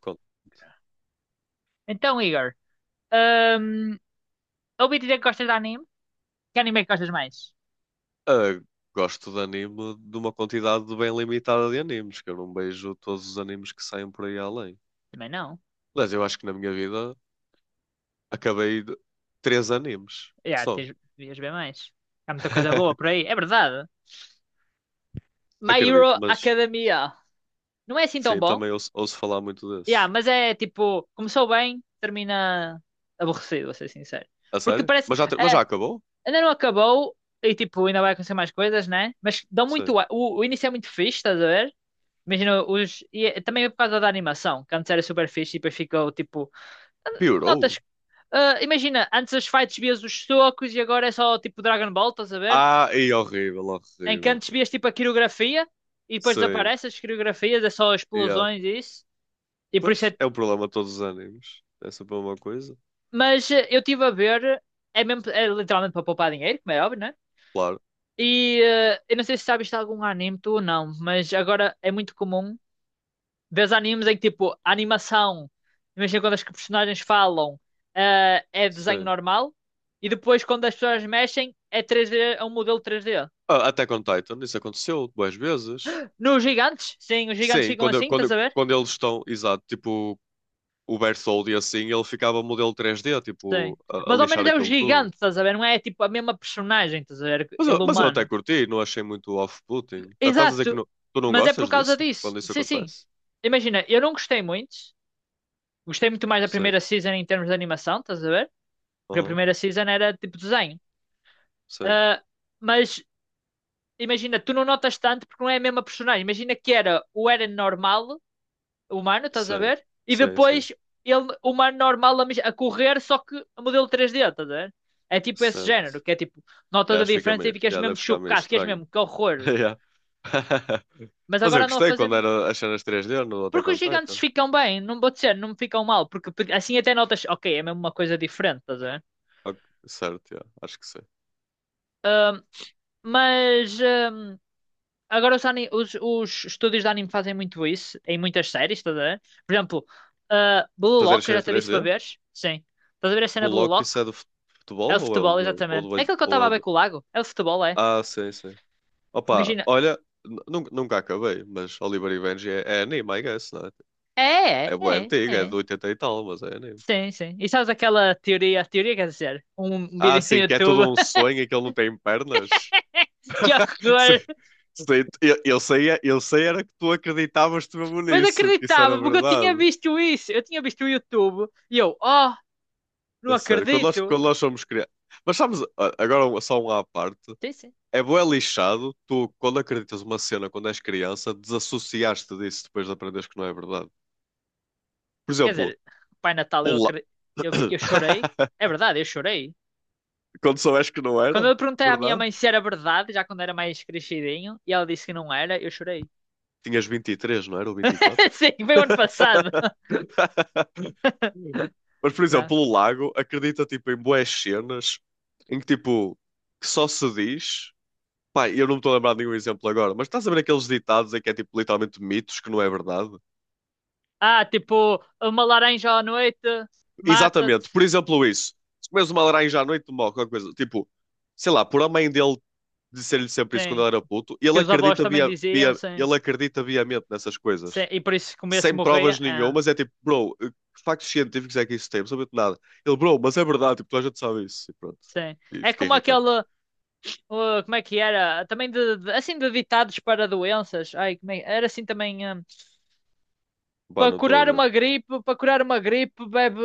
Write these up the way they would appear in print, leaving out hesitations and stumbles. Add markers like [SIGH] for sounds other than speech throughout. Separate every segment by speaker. Speaker 1: con-
Speaker 2: Então, Igor, hum, ouvi dizer que gostas de anime? Que anime é que gostas mais?
Speaker 1: ah, Gosto de anime de uma quantidade bem limitada de animes, que eu não vejo todos os animes que saem por aí além.
Speaker 2: Também não.
Speaker 1: Aliás, eu acho que na minha vida acabei três animes
Speaker 2: Já,
Speaker 1: só.
Speaker 2: tens, devias ver mais. Há muita coisa boa por
Speaker 1: [LAUGHS]
Speaker 2: aí. É verdade. My
Speaker 1: Acredito,
Speaker 2: Hero
Speaker 1: mas
Speaker 2: Academia. Não é assim tão
Speaker 1: sim,
Speaker 2: bom.
Speaker 1: também ouço falar muito
Speaker 2: Já,
Speaker 1: desse.
Speaker 2: mas é tipo, começou bem, termina aborrecido, vou ser sincero.
Speaker 1: A
Speaker 2: Porque
Speaker 1: sério?
Speaker 2: parece,
Speaker 1: Mas
Speaker 2: eh,
Speaker 1: já acabou?
Speaker 2: ainda não acabou e tipo, ainda vai acontecer mais coisas, né? Mas dão
Speaker 1: Sim.
Speaker 2: muito, a- o início é muito fixe, estás a ver? Imagina os, e é- também é por causa da animação, que antes era super fixe e depois ficou tipo,
Speaker 1: Piorou?
Speaker 2: notas. Ah, imagina, antes as fights vias os socos e agora é só tipo Dragon Ball, estás a ver?
Speaker 1: Ah, e horrível,
Speaker 2: Em que
Speaker 1: horrível.
Speaker 2: antes vias tipo a coreografia e depois
Speaker 1: Sim,
Speaker 2: desaparece as coreografias, é só
Speaker 1: yeah.
Speaker 2: explosões e isso. E por isso
Speaker 1: Pois,
Speaker 2: é...
Speaker 1: é o problema de todos os animes. É sempre uma coisa.
Speaker 2: Mas eu estive a ver, é, mesmo, é literalmente para poupar dinheiro, como é óbvio, né?
Speaker 1: Claro,
Speaker 2: E eu não sei se sabes de algum anime tu ou não, mas agora é muito comum ver animes em que tipo a animação, imagina quando as personagens falam, é desenho
Speaker 1: sim.
Speaker 2: normal e depois quando as pessoas mexem é 3D, é um modelo 3D.
Speaker 1: Ah, Attack on Titan, isso aconteceu duas vezes.
Speaker 2: Nos gigantes, sim, os gigantes
Speaker 1: Sim,
Speaker 2: ficam
Speaker 1: quando,
Speaker 2: assim, estás
Speaker 1: quando,
Speaker 2: a ver?
Speaker 1: quando eles estão, exato, tipo o Berthold e assim, ele ficava modelo 3D,
Speaker 2: Sim.
Speaker 1: tipo, a
Speaker 2: Mas ao
Speaker 1: lixar
Speaker 2: menos é o
Speaker 1: aquilo tudo.
Speaker 2: gigante, estás a ver? Não é tipo a mesma personagem, estás a ver?
Speaker 1: Mas eu,
Speaker 2: Ele
Speaker 1: mas eu até
Speaker 2: humano.
Speaker 1: curti, não achei muito off-putting. Estás a dizer que
Speaker 2: Exato.
Speaker 1: tu não
Speaker 2: Mas é por
Speaker 1: gostas
Speaker 2: causa
Speaker 1: disso?
Speaker 2: disso.
Speaker 1: Quando isso
Speaker 2: Sim, sim.
Speaker 1: acontece?
Speaker 2: Imagina, eu não gostei muito. Gostei muito mais da
Speaker 1: Sim,
Speaker 2: primeira season em termos de animação, estás a ver? Porque a
Speaker 1: aham,
Speaker 2: primeira season era tipo desenho.
Speaker 1: sim,
Speaker 2: Ah, mas imagina, tu não notas tanto porque não é a mesma personagem. Imagina que era o Eren normal humano, estás a
Speaker 1: sim,
Speaker 2: ver? E
Speaker 1: sim, sim,
Speaker 2: depois ele, humano normal a, mis- a correr, só que a modelo três d estás a ver? É tipo esse
Speaker 1: certo.
Speaker 2: género, que é tipo,
Speaker 1: Eu
Speaker 2: notas a
Speaker 1: acho que fica
Speaker 2: diferença e
Speaker 1: meio,
Speaker 2: ficas
Speaker 1: yeah,
Speaker 2: mesmo
Speaker 1: deve ficar meio
Speaker 2: chocado, ficas
Speaker 1: estranho.
Speaker 2: mesmo, que
Speaker 1: [LAUGHS]
Speaker 2: horror.
Speaker 1: Yeah. [LAUGHS]
Speaker 2: Mas
Speaker 1: Mas eu
Speaker 2: agora não a
Speaker 1: gostei
Speaker 2: fazer.
Speaker 1: quando era as cenas 3D no Attack
Speaker 2: Porque os
Speaker 1: on
Speaker 2: gigantes
Speaker 1: Titan.
Speaker 2: ficam bem, não vou dizer, não ficam mal, porque porque assim até notas, ok, é mesmo uma coisa diferente, estás a ver?
Speaker 1: Ok, certo, yeah, acho que sim.
Speaker 2: Mas agora os, ani- os estúdios de anime fazem muito isso em muitas séries, estás a ver? Por exemplo, ah, Blue
Speaker 1: Fazer as
Speaker 2: Lock, eu já
Speaker 1: cenas
Speaker 2: te disse para
Speaker 1: 3D?
Speaker 2: veres? Sim. Estás a ver a cena Blue
Speaker 1: Bullock,
Speaker 2: Lock?
Speaker 1: isso é do
Speaker 2: É
Speaker 1: futebol
Speaker 2: o
Speaker 1: ou é o
Speaker 2: futebol,
Speaker 1: do. Ou
Speaker 2: exatamente. É aquilo que eu
Speaker 1: ou é
Speaker 2: estava a
Speaker 1: o
Speaker 2: ver
Speaker 1: do.
Speaker 2: com o lago. É o futebol, é.
Speaker 1: Ah, sim, sim. Opa,
Speaker 2: Imagina.
Speaker 1: olha, nunca acabei, mas Oliver e Benji é anime, I guess, não é?
Speaker 2: É,
Speaker 1: É bué
Speaker 2: é,
Speaker 1: antigo,
Speaker 2: é,
Speaker 1: é de
Speaker 2: é.
Speaker 1: 80 e tal, mas é anime.
Speaker 2: Sim, sim. E sabes aquela teoria, teoria quer dizer, um
Speaker 1: Ah,
Speaker 2: vídeo no
Speaker 1: sim, que é
Speaker 2: YouTube.
Speaker 1: tudo um
Speaker 2: [LAUGHS]
Speaker 1: sonho e que ele não tem pernas.
Speaker 2: Que é
Speaker 1: [LAUGHS] Sim,
Speaker 2: horror!
Speaker 1: sim, eu sei era que tu acreditavas te mesmo
Speaker 2: Mas
Speaker 1: nisso, que isso era
Speaker 2: acreditava, porque eu tinha
Speaker 1: verdade.
Speaker 2: visto isso. Eu tinha visto o YouTube. E eu, oh, não
Speaker 1: A sério, quando nós,
Speaker 2: acredito.
Speaker 1: quando nós somos crianças. Mas sabes, agora só um à parte.
Speaker 2: Sim, sim.
Speaker 1: É bué lixado, tu, quando acreditas uma cena quando és criança, desassociaste disso depois de aprenderes que não é verdade. Por
Speaker 2: Quer dizer,
Speaker 1: exemplo,
Speaker 2: Pai Natal, eu
Speaker 1: o
Speaker 2: acredito.
Speaker 1: la-
Speaker 2: Eu, fiquei- eu chorei. É
Speaker 1: [COUGHS]
Speaker 2: verdade, eu chorei.
Speaker 1: Quando soubeste que não
Speaker 2: Quando
Speaker 1: era
Speaker 2: eu perguntei à minha
Speaker 1: verdade,
Speaker 2: mãe se era verdade, já quando era mais crescidinho, e ela disse que não era, eu chorei.
Speaker 1: tinhas 23, não era? Ou
Speaker 2: [LAUGHS]
Speaker 1: 24?
Speaker 2: Sim, foi o ano passado.
Speaker 1: [LAUGHS]
Speaker 2: [LAUGHS]
Speaker 1: Mas, por
Speaker 2: Não.
Speaker 1: exemplo, o lago acredita, tipo, em bué cenas em que, tipo, que só se diz. Pá, eu não me estou a lembrar de nenhum exemplo agora, mas estás a ver aqueles ditados em que é, tipo, literalmente mitos que não é verdade?
Speaker 2: Ah, tipo, uma laranja à noite mata-te.
Speaker 1: Exatamente. Por exemplo, isso. Se comes uma laranja à noite, morre qualquer coisa. Tipo, sei lá, por a mãe dele dizer-lhe sempre isso quando
Speaker 2: Sim.
Speaker 1: ele era puto, ele
Speaker 2: Que os avós
Speaker 1: acredita
Speaker 2: também
Speaker 1: via,
Speaker 2: diziam,
Speaker 1: via,
Speaker 2: sim.
Speaker 1: ele acredita viamente nessas
Speaker 2: Sim.
Speaker 1: coisas.
Speaker 2: E por isso comer se
Speaker 1: Sem
Speaker 2: morria.
Speaker 1: provas
Speaker 2: É,
Speaker 1: nenhumas, é tipo, bro, que factos científicos é que isso tem? Não sabia de nada. Ele, bro, mas é verdade, tipo, toda a gente sabe isso. E pronto.
Speaker 2: sim.
Speaker 1: E
Speaker 2: É
Speaker 1: fiquei
Speaker 2: como
Speaker 1: irritado.
Speaker 2: aquele. Como é que era? Também de- assim de ditados para doenças. Ai, como é- Era assim também.
Speaker 1: Pá,
Speaker 2: Para
Speaker 1: não estou a
Speaker 2: curar
Speaker 1: ver.
Speaker 2: uma gripe, para curar uma gripe, bebe.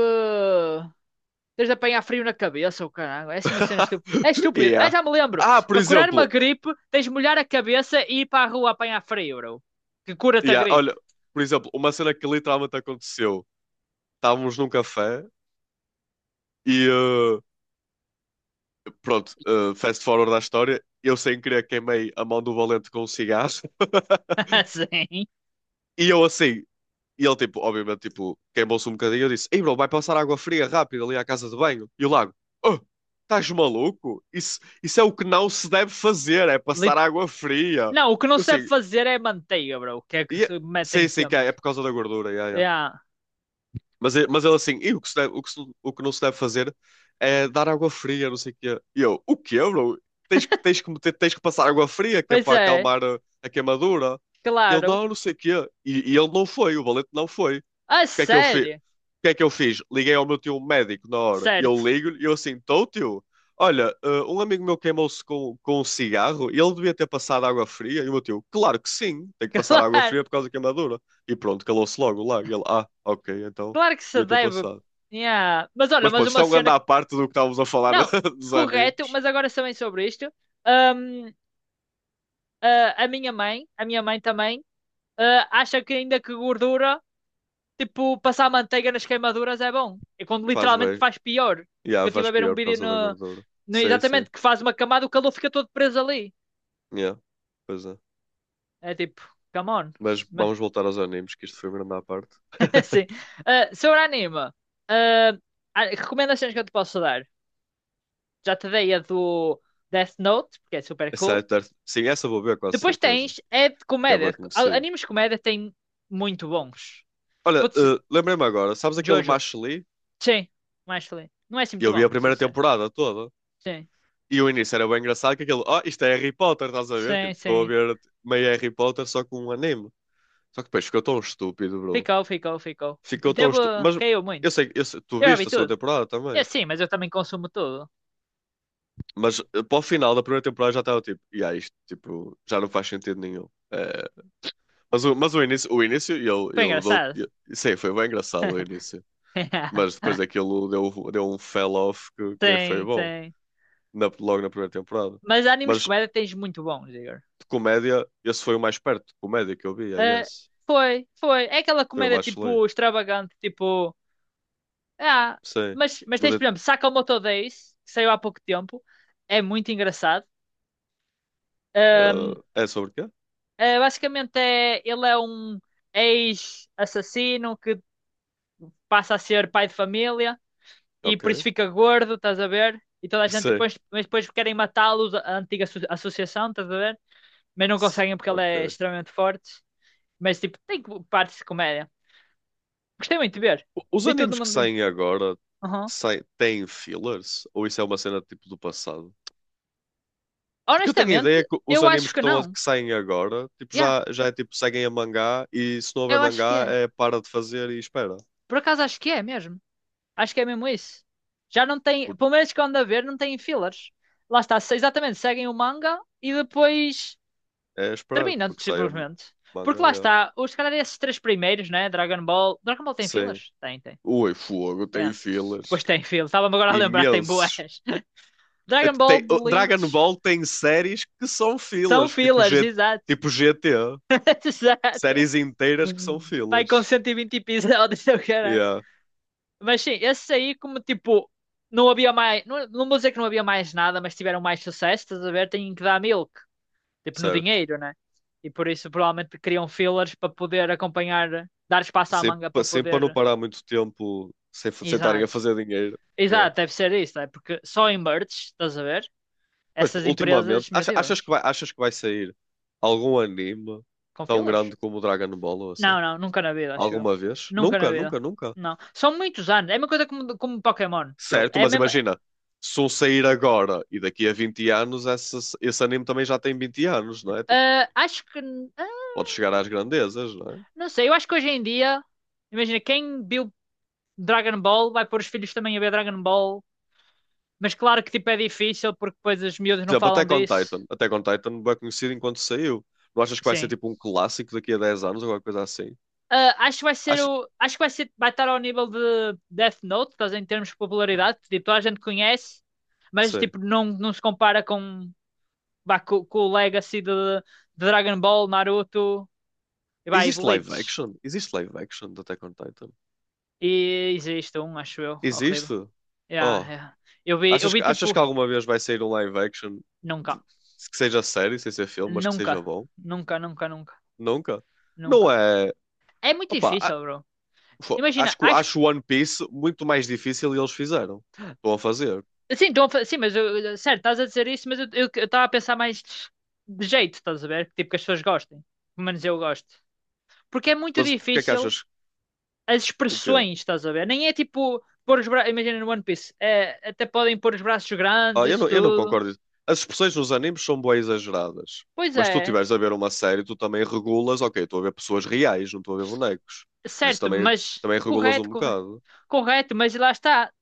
Speaker 2: Tens de apanhar frio na cabeça, o caralho. É assim uma cena estúpida. É
Speaker 1: [LAUGHS]
Speaker 2: estúpido. Ah,
Speaker 1: Yeah.
Speaker 2: já me lembro.
Speaker 1: Ah, por
Speaker 2: Para curar uma
Speaker 1: exemplo,
Speaker 2: gripe, tens de molhar a cabeça e ir para a rua apanhar frio, bro. Que cura-te a
Speaker 1: yeah,
Speaker 2: gripe.
Speaker 1: olha, por exemplo, uma cena que literalmente aconteceu. Estávamos num café e pronto, fast forward da história, eu sem querer queimei a mão do Valente com um cigarro. [LAUGHS]
Speaker 2: [LAUGHS] Sim.
Speaker 1: E eu assim, e ele tipo, obviamente, tipo, queimou-se um bocadinho. Eu disse, ei bro, vai passar água fria rápido ali à casa de banho. E o Lago, oh, estás maluco? Isso é o que não se deve fazer, é passar
Speaker 2: Lit-
Speaker 1: água fria.
Speaker 2: Não, o que não
Speaker 1: Eu
Speaker 2: se deve
Speaker 1: assim,
Speaker 2: fazer é manteiga, bro. Que é que
Speaker 1: "Ia-
Speaker 2: se metem
Speaker 1: sim, sim, que é,
Speaker 2: sempre.
Speaker 1: é por causa da gordura, ia, ia."
Speaker 2: Yeah.
Speaker 1: Mas, mas ele assim, e o que não se deve fazer é dar água fria, não sei o quê. E eu, o quê, bro? Tens que passar água fria, que é
Speaker 2: Pois
Speaker 1: para
Speaker 2: é,
Speaker 1: acalmar a queimadura. E ele,
Speaker 2: claro.
Speaker 1: não, não sei o quê. E ele não foi, o valente não foi. O
Speaker 2: A
Speaker 1: que é que eu fiz?
Speaker 2: sério?
Speaker 1: Liguei ao meu tio médico na hora. E eu
Speaker 2: Certo. [LAUGHS]
Speaker 1: ligo-lhe e eu assim, tô tio, olha, um amigo meu queimou-se com um cigarro e ele devia ter passado água fria. E o meu tio, claro que sim, tem que passar água
Speaker 2: Claro.
Speaker 1: fria por causa da queimadura. E pronto, calou-se logo lá. E ele, ah, ok, então
Speaker 2: Claro que se
Speaker 1: devia ter
Speaker 2: deve.
Speaker 1: passado.
Speaker 2: Yeah. Mas olha,
Speaker 1: Mas
Speaker 2: mas
Speaker 1: pronto, isto
Speaker 2: uma
Speaker 1: é um grande
Speaker 2: cena.
Speaker 1: à parte do que estávamos a falar
Speaker 2: Não,
Speaker 1: [LAUGHS] dos
Speaker 2: correto,
Speaker 1: animes.
Speaker 2: mas agora também sobre isto. Hum, ah, a minha mãe também, ah, acha que ainda que gordura, tipo, passar manteiga nas queimaduras é bom. E quando
Speaker 1: Faz
Speaker 2: literalmente
Speaker 1: bem.
Speaker 2: faz pior.
Speaker 1: Yeah,
Speaker 2: Eu estive a
Speaker 1: faz
Speaker 2: ver um
Speaker 1: pior por
Speaker 2: vídeo
Speaker 1: causa da
Speaker 2: no,
Speaker 1: gordura.
Speaker 2: no-
Speaker 1: Sei, sei.
Speaker 2: exatamente, que faz uma camada, o calor fica todo preso ali.
Speaker 1: Yeah, pois é.
Speaker 2: É tipo, come on.
Speaker 1: Mas
Speaker 2: Mas,
Speaker 1: vamos voltar aos animes, que isto foi um grande à parte.
Speaker 2: [LAUGHS] Assim.
Speaker 1: [LAUGHS]
Speaker 2: Ah, sobre anime, ah, ah, recomendações que eu te posso dar. Já te dei a do Death Note, porque é super cool.
Speaker 1: Sim, essa eu vou ver, quase
Speaker 2: Depois
Speaker 1: certeza.
Speaker 2: tens, é de
Speaker 1: Que é
Speaker 2: comédia.
Speaker 1: bem
Speaker 2: A-
Speaker 1: conhecido.
Speaker 2: Animes de comédia têm muito bons. Vou
Speaker 1: Olha,
Speaker 2: te
Speaker 1: lembrei-me agora, sabes aquele
Speaker 2: Jojo.
Speaker 1: Macho Lee?
Speaker 2: Sim, mais feliz. Não é assim muito
Speaker 1: Eu vi
Speaker 2: bom,
Speaker 1: a
Speaker 2: vou ser
Speaker 1: primeira
Speaker 2: sincero.
Speaker 1: temporada toda.
Speaker 2: Sim,
Speaker 1: E o início era bem engraçado, que aquele, oh, isto é Harry Potter, estás a ver?
Speaker 2: sim,
Speaker 1: Tipo, estou a
Speaker 2: sim.
Speaker 1: ver meio Harry Potter só com um anime. Só que depois ficou tão estúpido, bro.
Speaker 2: Ficou, ficou, ficou.
Speaker 1: Ficou tão
Speaker 2: Devo,
Speaker 1: estúpido. Mas
Speaker 2: caiu muito.
Speaker 1: tu
Speaker 2: Eu já vi
Speaker 1: viste a segunda
Speaker 2: tudo.
Speaker 1: temporada
Speaker 2: É
Speaker 1: também.
Speaker 2: sim, mas eu também consumo tudo.
Speaker 1: Mas para o final da primeira temporada já estava tipo, e aí isto, tipo, já não faz sentido nenhum. Mas, mas o início, eu,
Speaker 2: Foi
Speaker 1: eu dou.
Speaker 2: engraçado.
Speaker 1: Eu, sei, foi bem engraçado o início. Mas depois
Speaker 2: [LAUGHS]
Speaker 1: aquilo deu um fell off que nem foi
Speaker 2: Sim,
Speaker 1: bom.
Speaker 2: sim.
Speaker 1: Logo na primeira temporada.
Speaker 2: Mas animes
Speaker 1: Mas
Speaker 2: de
Speaker 1: de
Speaker 2: comédia tens muito bons, Igor.
Speaker 1: comédia, esse foi o mais perto de comédia que eu vi, I
Speaker 2: Ah,
Speaker 1: guess.
Speaker 2: foi, foi. É aquela
Speaker 1: Foi o
Speaker 2: comédia
Speaker 1: mais chulé.
Speaker 2: tipo extravagante, tipo. Ah,
Speaker 1: Sim.
Speaker 2: mas
Speaker 1: Mas
Speaker 2: tens,
Speaker 1: é,
Speaker 2: por exemplo, Sakamoto Days, que saiu há pouco tempo. É muito engraçado. Ahm,
Speaker 1: ah, é sobre quê?
Speaker 2: ah, basicamente, é, ele é um ex-assassino que passa a ser pai de família e
Speaker 1: Ok.
Speaker 2: por isso
Speaker 1: [LAUGHS]
Speaker 2: fica gordo, estás a ver? E toda a gente
Speaker 1: Sim,
Speaker 2: depois, mas depois querem matá-lo, a antiga asso- associação, estás a ver? Mas não conseguem porque ele é
Speaker 1: Ok.
Speaker 2: extremamente forte. Mas tipo, tem partes de comédia. Gostei muito de ver.
Speaker 1: Os
Speaker 2: Vi tudo no
Speaker 1: animes que
Speaker 2: mundo.
Speaker 1: saem agora,
Speaker 2: Uhum.
Speaker 1: têm fillers? Ou isso é uma cena tipo do passado? Porque eu tenho a
Speaker 2: Honestamente,
Speaker 1: ideia que os
Speaker 2: eu acho
Speaker 1: animes que,
Speaker 2: que não.
Speaker 1: que saem agora tipo,
Speaker 2: Yeah,
Speaker 1: já é tipo seguem a mangá e se não houver
Speaker 2: eu acho que
Speaker 1: mangá
Speaker 2: é.
Speaker 1: é para de fazer e espera.
Speaker 2: Por acaso acho que é mesmo. Acho que é mesmo isso. Já não tem,
Speaker 1: Por-
Speaker 2: pelo menos que eu ando a ver, não tem fillers. Lá está, se- exatamente, seguem o manga e depois
Speaker 1: É esperar,
Speaker 2: terminam
Speaker 1: porque saia
Speaker 2: simplesmente.
Speaker 1: manga,
Speaker 2: Porque lá
Speaker 1: yeah.
Speaker 2: está, os, se calhar esses três primeiros, né? Dragon Ball. Dragon Ball tem
Speaker 1: Sim.
Speaker 2: fillers? Tem, tem.
Speaker 1: Ui, fogo,
Speaker 2: É.
Speaker 1: tem
Speaker 2: Depois
Speaker 1: fillers
Speaker 2: tem fillers. Estava-me agora a lembrar, tem boas.
Speaker 1: imensos.
Speaker 2: [LAUGHS] Dragon Ball
Speaker 1: O Dragon
Speaker 2: Bleach.
Speaker 1: Ball tem séries que são
Speaker 2: São
Speaker 1: fillers, tipo,
Speaker 2: fillers, exato.
Speaker 1: GT,
Speaker 2: [LAUGHS] Exato.
Speaker 1: séries inteiras que são
Speaker 2: Uhum. Vai com
Speaker 1: fillers.
Speaker 2: 120 episódios, eu caralho.
Speaker 1: Yeah,
Speaker 2: Mas sim, esse aí, como tipo, não havia mais. Não, não vou dizer que não havia mais nada, mas tiveram mais sucesso, estás a ver? Têm que dar milk, tipo, no
Speaker 1: certo.
Speaker 2: dinheiro, né? E por isso provavelmente criam fillers para poder acompanhar, dar espaço à
Speaker 1: Sempre,
Speaker 2: manga para
Speaker 1: sempre para não
Speaker 2: poder.
Speaker 1: parar muito tempo sem sem estarem a
Speaker 2: Exato.
Speaker 1: fazer dinheiro. Yeah.
Speaker 2: Exato, deve ser isso, é? Porque só em merch, estás a ver?
Speaker 1: Mas pô,
Speaker 2: Essas empresas,
Speaker 1: ultimamente,
Speaker 2: meu Deus,
Speaker 1: achas que vai sair algum anime
Speaker 2: com
Speaker 1: tão
Speaker 2: fillers?
Speaker 1: grande como o Dragon Ball ou assim?
Speaker 2: Não, não, nunca na vida, acho eu.
Speaker 1: Alguma vez?
Speaker 2: Nunca na
Speaker 1: Nunca,
Speaker 2: vida.
Speaker 1: nunca, nunca.
Speaker 2: Não. São muitos anos. É uma coisa como, como Pokémon, bro.
Speaker 1: Certo,
Speaker 2: É
Speaker 1: mas
Speaker 2: mesmo,
Speaker 1: imagina, se um sair agora e daqui a 20 anos, esse anime também já tem 20 anos, não é? Tipo,
Speaker 2: Ah, acho que. Ah,
Speaker 1: pode chegar às grandezas, não é?
Speaker 2: não sei, eu acho que hoje em dia. Imagina, quem viu Dragon Ball vai pôr os filhos também a ver Dragon Ball. Mas claro que tipo é difícil porque depois as miúdas
Speaker 1: Por
Speaker 2: não
Speaker 1: exemplo,
Speaker 2: falam
Speaker 1: Attack on
Speaker 2: disso.
Speaker 1: Titan. Attack on Titan bem conhecido enquanto saiu. Não achas que vai ser
Speaker 2: Sim.
Speaker 1: tipo um clássico daqui a 10 anos ou alguma coisa assim?
Speaker 2: Ah, acho que vai ser
Speaker 1: Acho,
Speaker 2: o. Acho que vai ser. Vai estar ao nível de Death Note, estás a ver, em termos de popularidade. Tipo, toda a gente conhece, mas
Speaker 1: sei.
Speaker 2: tipo, não, não se compara com, vá, co- com, o Legacy de Dragon Ball, Naruto e vai, e
Speaker 1: Existe live
Speaker 2: Bleach.
Speaker 1: action? Existe live action de Attack on Titan?
Speaker 2: E existe um, acho eu, horrível.
Speaker 1: Existe?
Speaker 2: Yeah,
Speaker 1: Oh,
Speaker 2: yeah. Eu vi
Speaker 1: achas
Speaker 2: tipo.
Speaker 1: que alguma vez vai sair um live action de-
Speaker 2: Nunca,
Speaker 1: que seja série, sem ser filme, mas que seja
Speaker 2: nunca,
Speaker 1: bom?
Speaker 2: nunca, nunca, nunca,
Speaker 1: Nunca.
Speaker 2: nunca.
Speaker 1: Não é.
Speaker 2: É muito
Speaker 1: Opa,
Speaker 2: difícil, bro. Imagina,
Speaker 1: acho que
Speaker 2: acho.
Speaker 1: acho One Piece muito mais difícil e eles fizeram. Estão a fazer.
Speaker 2: Sim, então, sim, mas eu- certo, estás a dizer isso, mas eu estava a pensar mais de jeito, estás a ver? Tipo, que as pessoas gostem. Pelo menos eu gosto. Porque é muito
Speaker 1: Mas porque é que
Speaker 2: difícil
Speaker 1: achas
Speaker 2: as
Speaker 1: o quê?
Speaker 2: expressões, estás a ver? Nem é tipo pôr os braços. Imagina no One Piece, é, até podem pôr os braços
Speaker 1: Ah,
Speaker 2: grandes,
Speaker 1: eu
Speaker 2: isso
Speaker 1: não, eu não
Speaker 2: tudo.
Speaker 1: concordo. As expressões nos animes são bué exageradas.
Speaker 2: Pois
Speaker 1: Mas se tu
Speaker 2: é,
Speaker 1: estiveres a ver uma série, tu também regulas, ok, estou a ver pessoas reais, não estou a ver bonecos. Por isso
Speaker 2: certo,
Speaker 1: também,
Speaker 2: mas
Speaker 1: também regulas um
Speaker 2: correto, corre-
Speaker 1: bocado.
Speaker 2: correto, mas lá está.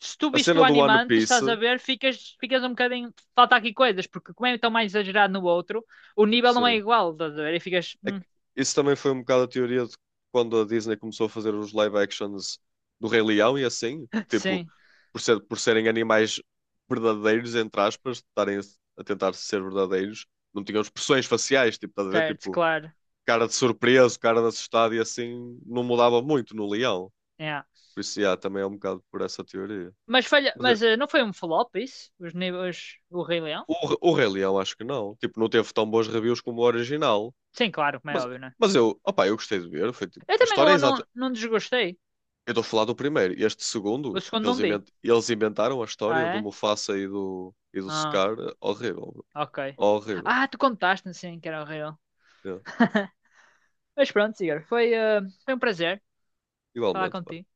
Speaker 2: Se tu
Speaker 1: A
Speaker 2: viste o
Speaker 1: cena do
Speaker 2: anime
Speaker 1: One Piece,
Speaker 2: estás a ver, ficas, ficas um bocadinho. Falta aqui coisas, porque como é tão mais exagerado no outro, o nível não é
Speaker 1: sim.
Speaker 2: igual, estás a ver? E ficas,
Speaker 1: É que isso também foi um bocado a teoria de quando a Disney começou a fazer os live actions do Rei Leão e assim,
Speaker 2: [LAUGHS]
Speaker 1: tipo,
Speaker 2: Sim,
Speaker 1: por serem animais verdadeiros, entre aspas, estarem a tentar ser verdadeiros, não tinham expressões faciais, tipo, estás a ver?
Speaker 2: certo,
Speaker 1: Tipo,
Speaker 2: claro.
Speaker 1: cara de surpreso, cara de assustado e assim, não mudava muito no Leão.
Speaker 2: Yeah."
Speaker 1: Por isso, yeah, também é um bocado por essa teoria.
Speaker 2: Mas, falha,
Speaker 1: Mas
Speaker 2: mas não foi um flop isso? Os níveis, o Rei Leão?
Speaker 1: o, o Rei Leão acho que não, tipo, não teve tão bons reviews como o original.
Speaker 2: Sim, claro, como é
Speaker 1: Mas,
Speaker 2: óbvio, né?
Speaker 1: mas eu, opá, eu gostei de ver, foi tipo,
Speaker 2: Eu
Speaker 1: a
Speaker 2: também
Speaker 1: história é
Speaker 2: não,
Speaker 1: exata.
Speaker 2: não, não desgostei.
Speaker 1: Eu estou a falar do primeiro. Este
Speaker 2: O
Speaker 1: segundo,
Speaker 2: segundo
Speaker 1: eles,
Speaker 2: não vi.
Speaker 1: inventaram a
Speaker 2: Ah,
Speaker 1: história do
Speaker 2: é?
Speaker 1: Mufasa e do
Speaker 2: Ah,
Speaker 1: Scar. Horrível, bro.
Speaker 2: ok.
Speaker 1: Horrível.
Speaker 2: Ah, tu contaste-me sim que era o Rei Leão.
Speaker 1: É.
Speaker 2: [LAUGHS] Mas pronto, Igor, foi, foi um prazer falar
Speaker 1: Igualmente, pá.
Speaker 2: contigo.